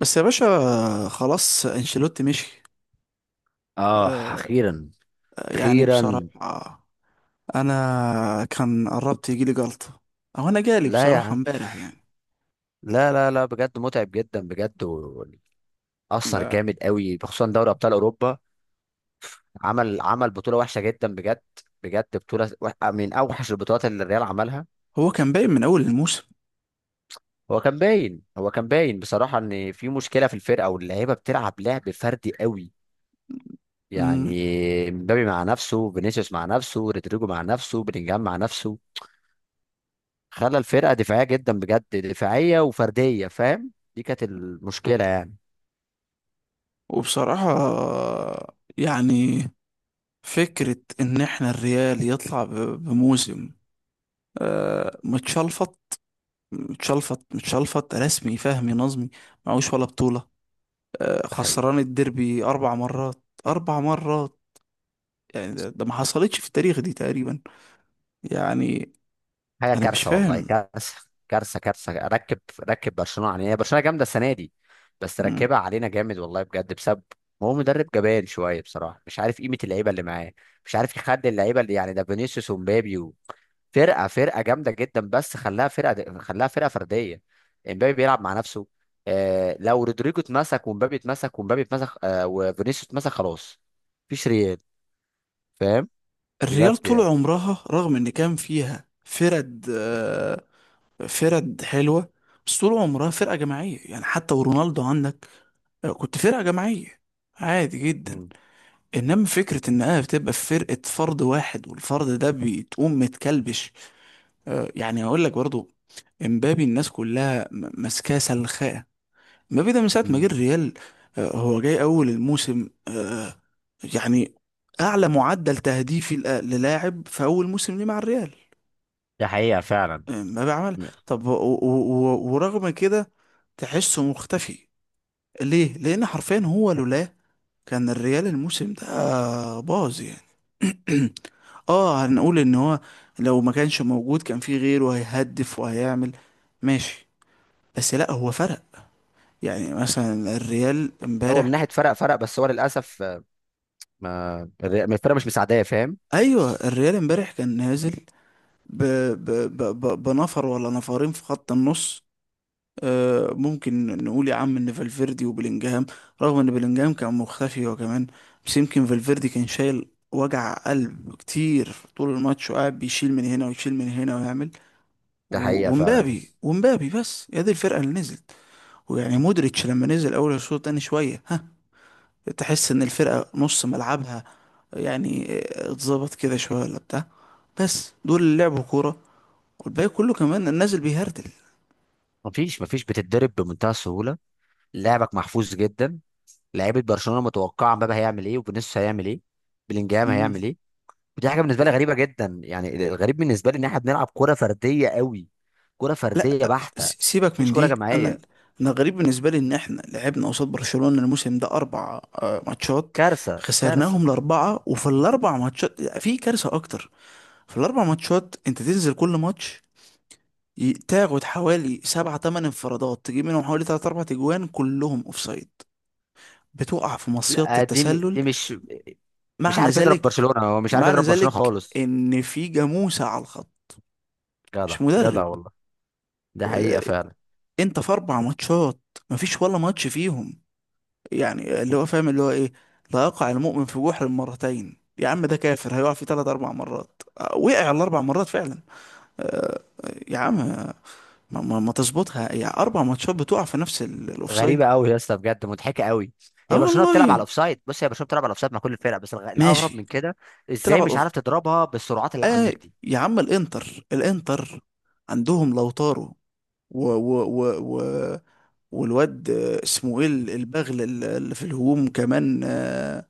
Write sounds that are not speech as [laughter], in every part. بس يا باشا. خلاص انشيلوتي مشي. اه، آه، اخيرا. يعني اخيرا. بصراحة انا كان قربت يجيلي جلطة، او انا جالي لا يا بصراحة عم. امبارح يعني. لا لا لا بجد متعب جدا بجد اثر لا، جامد قوي، خصوصا دوري ابطال اوروبا. عمل بطوله وحشه جدا بجد. بجد بطوله من اوحش البطولات اللي الريال عملها. هو كان باين من اول الموسم. هو كان باين بصراحه ان في مشكله في الفرقه، واللعيبه بتلعب لعب فردي قوي. مم. يعني مبابي مع نفسه، فينيسيوس مع نفسه، رودريجو مع نفسه، بلينجهام مع نفسه. خلى الفرقه دفاعيه جدا بجد، دفاعيه وفرديه، فاهم؟ دي كانت المشكله يعني. وبصراحة يعني فكرة ان احنا الريال يطلع بموسم متشلفط متشلفط متشلفط رسمي فهمي نظمي، معهوش ولا بطولة. ده حقيقي. خسران الديربي اربع مرات اربع مرات. يعني ده ما حصلتش في التاريخ دي تقريبا. يعني حاجه انا مش كارثه، والله فاهم. كارثه. كارثه كارثه. ركب برشلونه علينا. هي برشلونه جامده السنه دي، بس مم. ركبها علينا جامد والله بجد بسبب. هو مدرب جبان شويه بصراحه، مش عارف قيمه اللعيبه اللي معاه. مش عارف يخلي اللعيبه اللي يعني، ده فينيسيوس ومبابي فرقه جامده جدا، بس خلاها فرقه فرديه. امبابي بيلعب مع نفسه. لو رودريجو اتمسك ومبابي اتمسك وفينيسيوس اتمسك، خلاص مفيش ريال، فاهم؟ الريال بجد طول يعني. عمرها رغم ان كان فيها فرد فرد حلوة، بس طول عمرها فرقة جماعية يعني. حتى ورونالدو عندك كنت فرقة جماعية عادي جدا. مم. انما فكرة انها بتبقى في فرقة فرد واحد والفرد ده بتقوم متكلبش. يعني اقول لك برضو، امبابي الناس كلها ماسكاه سلخاه، ما بيدا من ساعة ما جه مم. الريال. هو جاي أول الموسم. يعني أعلى معدل تهديفي للاعب في أول موسم ليه مع الريال. دي حقيقة فعلا. ما بيعمل. طب ورغم كده تحسه مختفي. ليه؟ لأن حرفيا هو لولا، كان الريال الموسم ده باظ يعني. [clears throat] اه هنقول ان هو لو ما كانش موجود كان في غيره هيهدف وهيعمل. ماشي، بس لا هو فرق. يعني مثلا الريال هو من امبارح. ناحيه فرق، فرق، بس هو للاسف، ما الفرق مش مساعداه، فاهم؟ ايوه، الريال امبارح كان نازل ب... ب... بنفر ولا نفرين في خط النص. ممكن نقول يا عم ان فالفيردي وبلينجهام، رغم ان بلينجهام كان مختفي هو كمان، بس يمكن فالفيردي كان شايل وجع قلب كتير طول الماتش وقاعد بيشيل من هنا ويشيل من هنا ويعمل، ده حقيقه فعلا. ومبابي. بس هي دي الفرقة اللي نزلت. ويعني مودريتش لما نزل اول الشوط تاني شوية ها، تحس ان الفرقة نص ملعبها. يعني اتظبط كده شوية ولا بتاع. بس دول اللي لعبوا كورة، والباقي كله كمان النازل بيهردل. مفيش بتتدرب بمنتهى السهوله، لعبك محفوظ جدا. لعيبه برشلونه متوقعه مبابي هيعمل ايه، وفينيسيوس هيعمل ايه، بلينجهام مم. هيعمل ايه. ودي حاجه بالنسبه لي غريبه جدا، يعني الغريب بالنسبه لي ان احنا بنلعب كره فرديه قوي، كره فرديه لا، بحته. سيبك مفيش من كره دي. انا جماعيه. انا غريب بالنسبة لي ان احنا لعبنا قصاد برشلونة الموسم ده اربع ماتشات، كارثه كارثه. خسرناهم الاربعة. وفي الاربع ماتشات في كارثة اكتر. في الاربع ماتشات انت تنزل كل ماتش، تاخد حوالي سبعة تمن انفرادات، تجيب منهم حوالي تلات أربع تجوان كلهم اوفسايد، بتقع في مصيدة لا، التسلل. دي مش، مش معنى عارف يضرب ذلك، برشلونه، هو مش عارف معنى يضرب برشلونه ذلك خالص. ان في جاموسة على الخط، مش جدع مدرب. جدع والله. ده حقيقه فعلا. انت في اربع ماتشات مفيش ولا ماتش فيهم يعني اللي هو فاهم اللي هو ايه. لا يقع المؤمن في جحر مرتين. يا عم ده كافر هيقع فيه ثلاث اربع مرات. وقع الاربع مرات فعلا. يا عم ما تظبطها يعني اربع ماتشات بتقع في نفس الاوفسايد. غريبه قوي يا اسطى بجد، مضحكه قوي. اه هي برشلونه والله. بتلعب على الاوفسايد، بص، هي برشلونه بتلعب على الاوفسايد مع كل الفرق، بس الاغرب ماشي. من كده، تلعب ازاي على مش الاوفسايد. عارف تضربها بالسرعات اللي اه عندك دي؟ يا عم، الانتر الانتر عندهم لو طاروا، و و و والواد اسمه ايه، البغل اللي في الهجوم كمان،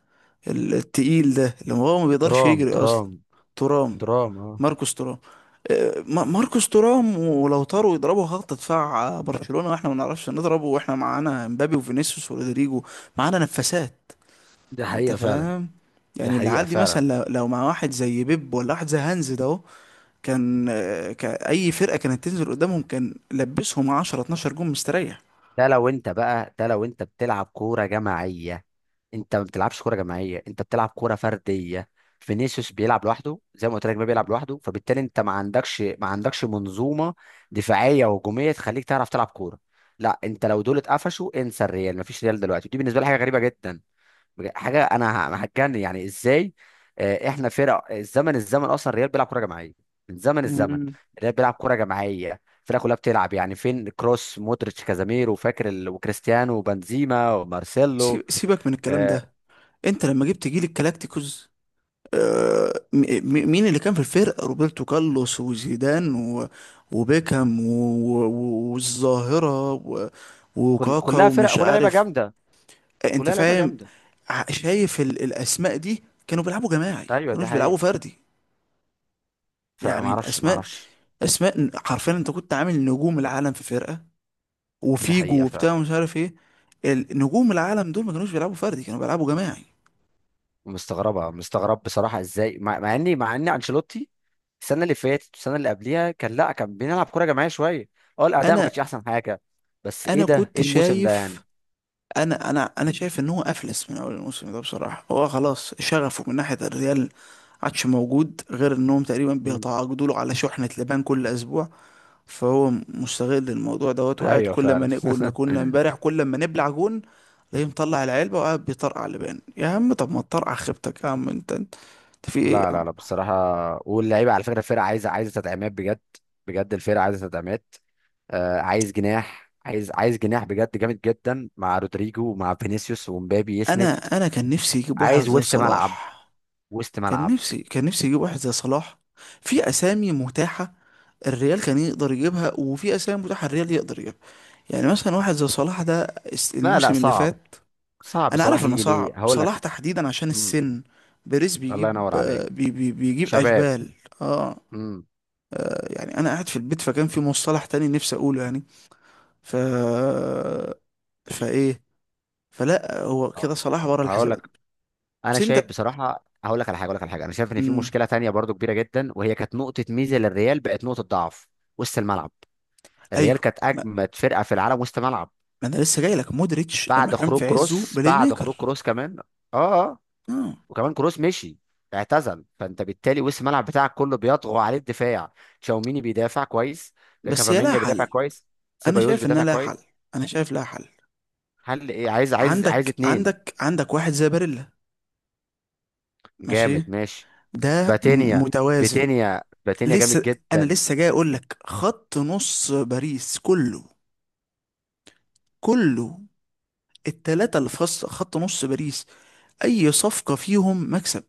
التقيل ده اللي هو ما بيقدرش ترام، يجري ترام. اصلا. ترام. ترام، اه. ماركوس ترام. ماركوس ترام، ولو طاروا يضربوا خط دفاع برشلونة، واحنا ما نعرفش نضربه واحنا معانا مبابي وفينيسيوس ورودريجو. معانا نفسات. دي انت حقيقه فعلا. فاهم. دي يعني حقيقه العيال دي مثلا فعلا. لو مع واحد زي بيب ولا واحد زي هانز ده اهو، كان اي فرقة كانت تنزل قدامهم كان لبسهم 10 12 جون مستريح. ده لو انت بتلعب كورة جماعية. انت ما بتلعبش كورة جماعية، انت بتلعب كورة فردية. فينيسيوس بيلعب لوحده، زي ما قلت لك، ما بيلعب لوحده، فبالتالي انت ما عندكش منظومة دفاعية وهجومية تخليك تعرف تلعب كورة. لا، انت لو دول اتقفشوا انسى الريال، ما فيش ريال دلوقتي، ودي بالنسبة لي حاجة غريبة جدا. حاجه، انا هتجنن يعني ازاي. احنا فرق الزمن اصلا، الريال بيلعب كره جماعيه من زمن الزمن. الريال بيلعب كره جماعيه، الفرقه كلها بتلعب، يعني فين كروس مودريتش كازاميرو، فاكر وكريستيانو وبنزيما ومارسيلو. سيبك من الكلام آه، ده. انت لما جبت جيل الكلاكتيكوز مين اللي كان في الفرقة؟ روبرتو كارلوس، وزيدان، وبيكهام، والظاهرة، كل وكاكا، كلها فرق، ومش كلها لعيبه عارف. جامده، انت كلها لعيبه فاهم. جامده. شايف الاسماء دي كانوا بيلعبوا جماعي، ما ايوه دي كانوش بيلعبوا حقيقه. فردي. فما يعني اعرفش ما الاسماء، اعرفش اسماء حرفيا، انت كنت عامل نجوم العالم في فرقة، دي وفيجو حقيقه. وبتاع ومش عارف ايه. نجوم العالم دول ما كانوش بيلعبوا فردي، كانوا بيلعبوا جماعي. مستغرب بصراحه، ازاي، مع ان انشيلوتي السنه اللي فاتت والسنه اللي قبليها كان، لا كان بنلعب كوره جماعيه شويه، اه الاداء ما انا كانش احسن حاجه، بس ايه انا ده، كنت ايه الموسم ده يعني؟ شايف. انا انا شايف ان هو افلس من اول الموسم ده بصراحه. هو خلاص شغفه من ناحيه الريال عادش موجود، غير انهم تقريبا مم. بيتعاقدوا له على شحنه لبان كل اسبوع. فهو مستغل الموضوع دوت، وقاعد ايوه كل فعلا. ما كنا [laughs] كنا امبارح كل ما نبلع جون تلاقيه مطلع العلبه وقاعد بيطرقع لبان. يا عم طب ما تطرقع خيبتك يا عم، انت في ايه لا يا عم؟ لا لا بصراحه، واللعيبه على فكره الفرقه عايزه تدعيمات بجد. بجد الفرقه عايزه تدعيمات. عايز جناح بجد جامد جدا، مع رودريجو ومع فينيسيوس ومبابي يسند. انا كان نفسي يجيب واحد عايز زي وسط ملعب صلاح. وسط ملعب كان نفسي يجيب واحد زي صلاح. في اسامي متاحه الريال كان يقدر يجيبها، وفي اسامي متاحه الريال يقدر يجيبها. يعني مثلا واحد زي صلاح ده لا لا الموسم اللي صعب، فات. صعب انا بصراحة، عارف انه يجي ليه صعب هقول صلاح لك. تحديدا عشان امم. السن. بيريز الله ينور بيجيب عليك. بي بي بيجيب شباب. اشبال. اه، امم. يعني انا قاعد في البيت، فكان في مصطلح تاني نفسي اقوله يعني. ف فايه، فلا هو كده صلاح بره هقول الحسابات. لك، انا بس شايف انت، بصراحه، هقول لك على حاجه، انا شايف ان في امم، مشكله تانية برضو كبيره جدا، وهي كانت نقطه ميزه للريال بقت نقطه ضعف. وسط الملعب، الريال ايوه، كانت ما اجمد فرقه في العالم وسط ملعب. ما انا لسه جاي لك مودريتش لما كان في عزه بلاي بعد خروج ميكر. كروس كمان. اه، اه. آه. وكمان كروس مشي، اعتزل، فانت بالتالي وسط الملعب بتاعك كله بيطغى عليه الدفاع. تشاوميني بيدافع كويس، بس هي لها كافامينجا بيدافع حل. كويس، انا سيبايوس شايف انها بيدافع لها حل. كويس. انا شايف لها حل. هل ايه؟ عايز اتنين عندك واحد زي باريلا. ماشي، جامد، ماشي. ده باتينيا. متوازن. باتينيا جامد لسه انا جدا. لسه جاي اقول لك، خط نص باريس كله، كله، التلاتة اللي في خط نص باريس، اي صفقة فيهم مكسب.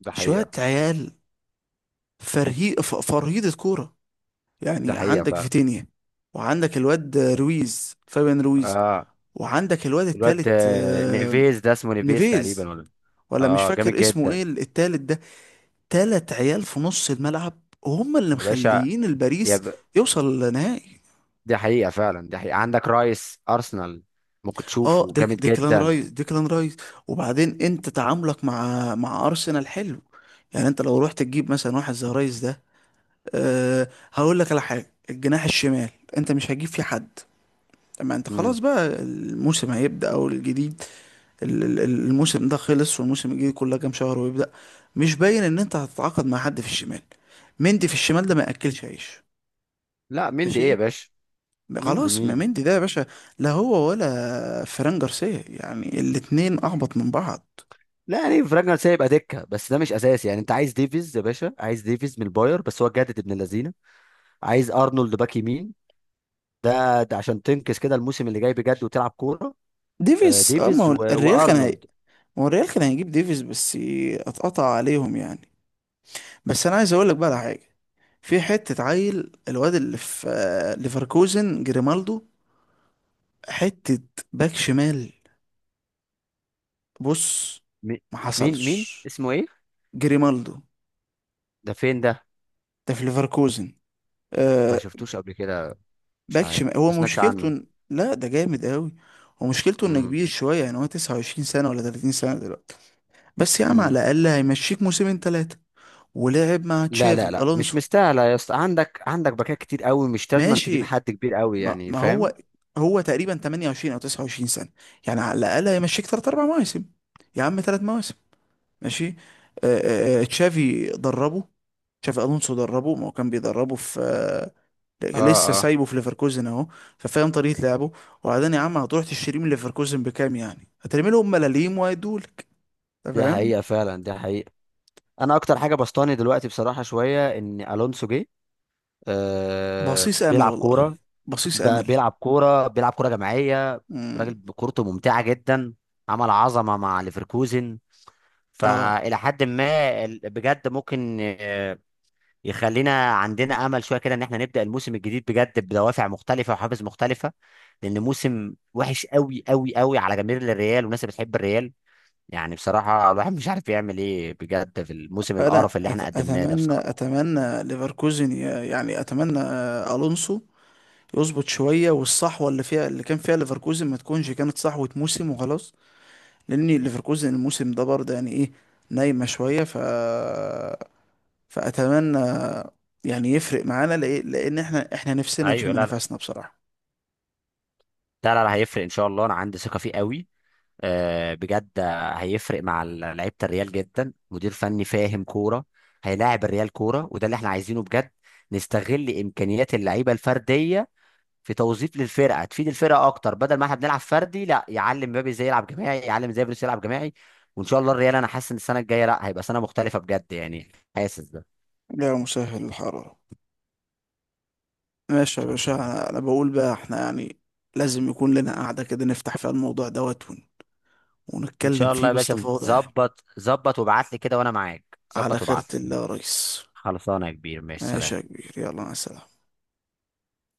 ده شوية حقيقة. عيال فرهيدة كورة. ده يعني حقيقة عندك فعلا. فيتينيا، وعندك الواد رويز، فابيان رويز. اه، وعندك الواد الواد التالت نيفيز، ده اسمه نيفيز نيفيز، تقريبا ولا. ولا مش اه جامد فاكر اسمه جدا، ايه التالت ده. تلات عيال في نص الملعب، وهم اللي يا باشا. مخليين يا الباريس ب... يوصل لنهائي. دي حقيقة فعلا. دي حقيقة، عندك رايس أرسنال، ممكن اه، تشوفه جامد ديكلان جدا. رايس، ديكلان رايس. وبعدين انت تعاملك مع ارسنال حلو. يعني انت لو رحت تجيب مثلا واحد زي رايس ده. هقول لك على حاجه. الجناح الشمال انت مش هتجيب فيه حد. اما انت مم. خلاص بقى الموسم هيبدأ او الجديد. الموسم ده خلص، والموسم الجديد كلها كام شهر ويبدأ. مش باين ان انت هتتعاقد مع حد في الشمال. مندي في الشمال ده ما ياكلش عيش. لا، مندي ايه يا ماشي. باشا؟ مندي خلاص، ما مين؟ مندي ده يا باشا. لا هو ولا فران جارسيا، يعني الاتنين اهبط من بعض. لا يعني في راجنر سايب دكة، بس ده مش اساسي، يعني انت عايز ديفيز يا باشا، عايز ديفيز من الباير، بس هو جدد ابن اللذينه. عايز ارنولد باك يمين. ده عشان تنكس كده الموسم اللي جاي بجد، وتلعب كورة. ديفيس. اه، ما ديفيز هو الريال كان وارنولد. ما هو الريال كان هيجيب ديفيس بس، اتقطع عليهم يعني. بس انا عايز اقول لك بقى على حاجه. في حته عيل الواد اللي في ليفركوزن، جريمالدو. حته باك شمال. بص، مي- ما مين حصلش. اسمه ايه؟ جريمالدو ده فين ده؟ ده في ليفركوزن. ما آه، شفتوش قبل كده. مش باك عارف، شمال. هو ما سمعتش مشكلته عنه. لا، ده جامد قوي. هو مشكلته انه امم. كبير شويه، يعني هو 29 سنه ولا 30 سنه دلوقتي. بس يا عم امم. على الاقل هيمشيك موسمين ثلاثه، ولعب مع لا تشافي لا لا مش الونسو. مستاهله يا اسطى، عندك عندك باكات كتير قوي، مش لازم تجيب ماشي. حد كبير قوي يعني، ما فاهم؟ هو، هو تقريبا 28 او 29 سنه، يعني على الاقل هيمشيك ثلاث اربع مواسم. يا عم 3 مواسم. ماشي. آه تشافي دربه. تشافي الونسو دربه، ما هو كان بيدربه في اه، لسه اه. سايبه في ليفركوزن اهو. ففاهم طريقه لعبه. وبعدين يا عم هتروح تشتريه من ليفركوزن بكام؟ يعني هترمي لهم ملاليم وهيدولك. أنت دي فاهم. حقيقه فعلا. دي حقيقه، انا اكتر حاجه بسطاني دلوقتي بصراحه شويه ان الونسو جه. بصيص امل بيلعب والله. كوره. بصيص امل. بيلعب كوره جماعيه. امم. راجل كورته ممتعه جدا، عمل عظمه مع ليفركوزن. اه، فإلى حد ما بجد ممكن، يخلينا عندنا أمل شوية كده، إن إحنا نبدأ الموسم الجديد بجد بدوافع مختلفة وحافز مختلفة. لأن موسم وحش قوي قوي قوي على جماهير الريال والناس اللي بتحب الريال. يعني بصراحة الواحد مش عارف يعمل إيه بجد في الموسم انا القرف اللي إحنا قدمناه ده اتمنى بصراحة. اتمنى ليفركوزن، يعني اتمنى الونسو يظبط شويه، والصحوه اللي فيها، اللي كان فيها ليفركوزن، ما تكونش كانت صحوه موسم وخلاص. لان ليفركوزن الموسم ده برضه يعني ايه، نايمه شويه. فأتمنى يعني يفرق معانا لإيه؟ لأن احنا نفسنا أيوه، نشم لا لا. نفسنا بصراحة. لا لا لا، هيفرق إن شاء الله، أنا عندي ثقة فيه قوي. بجد، هيفرق مع لعيبه الريال جدا، مدير فني فاهم كوره، هيلاعب الريال كوره، وده اللي احنا عايزينه بجد. نستغل امكانيات اللعيبه الفرديه في توظيف للفرقه، تفيد الفرقه اكتر، بدل ما احنا بنلعب فردي، لا يعلم مبابي ازاي يلعب جماعي، يعلم ازاي فينيسيوس يلعب جماعي. وان شاء الله الريال، انا حاسس ان السنه الجايه لا، هيبقى سنه مختلفه بجد يعني، حاسس ده ان لا، مسهل الحرارة. ماشي يا شاء باشا، الله. أنا بقول بقى احنا يعني لازم يكون لنا قعدة كده نفتح فيها الموضوع دوت ان ونتكلم شاء الله فيه يا باشا، باستفاضة يعني. ظبط ظبط وابعت لي كده، وانا معاك، على ظبط خيرة وابعت لي. الله يا ريس. خلصانه يا كبير، ماشي، ماشي يا سلام. كبير، يلا مع السلامة.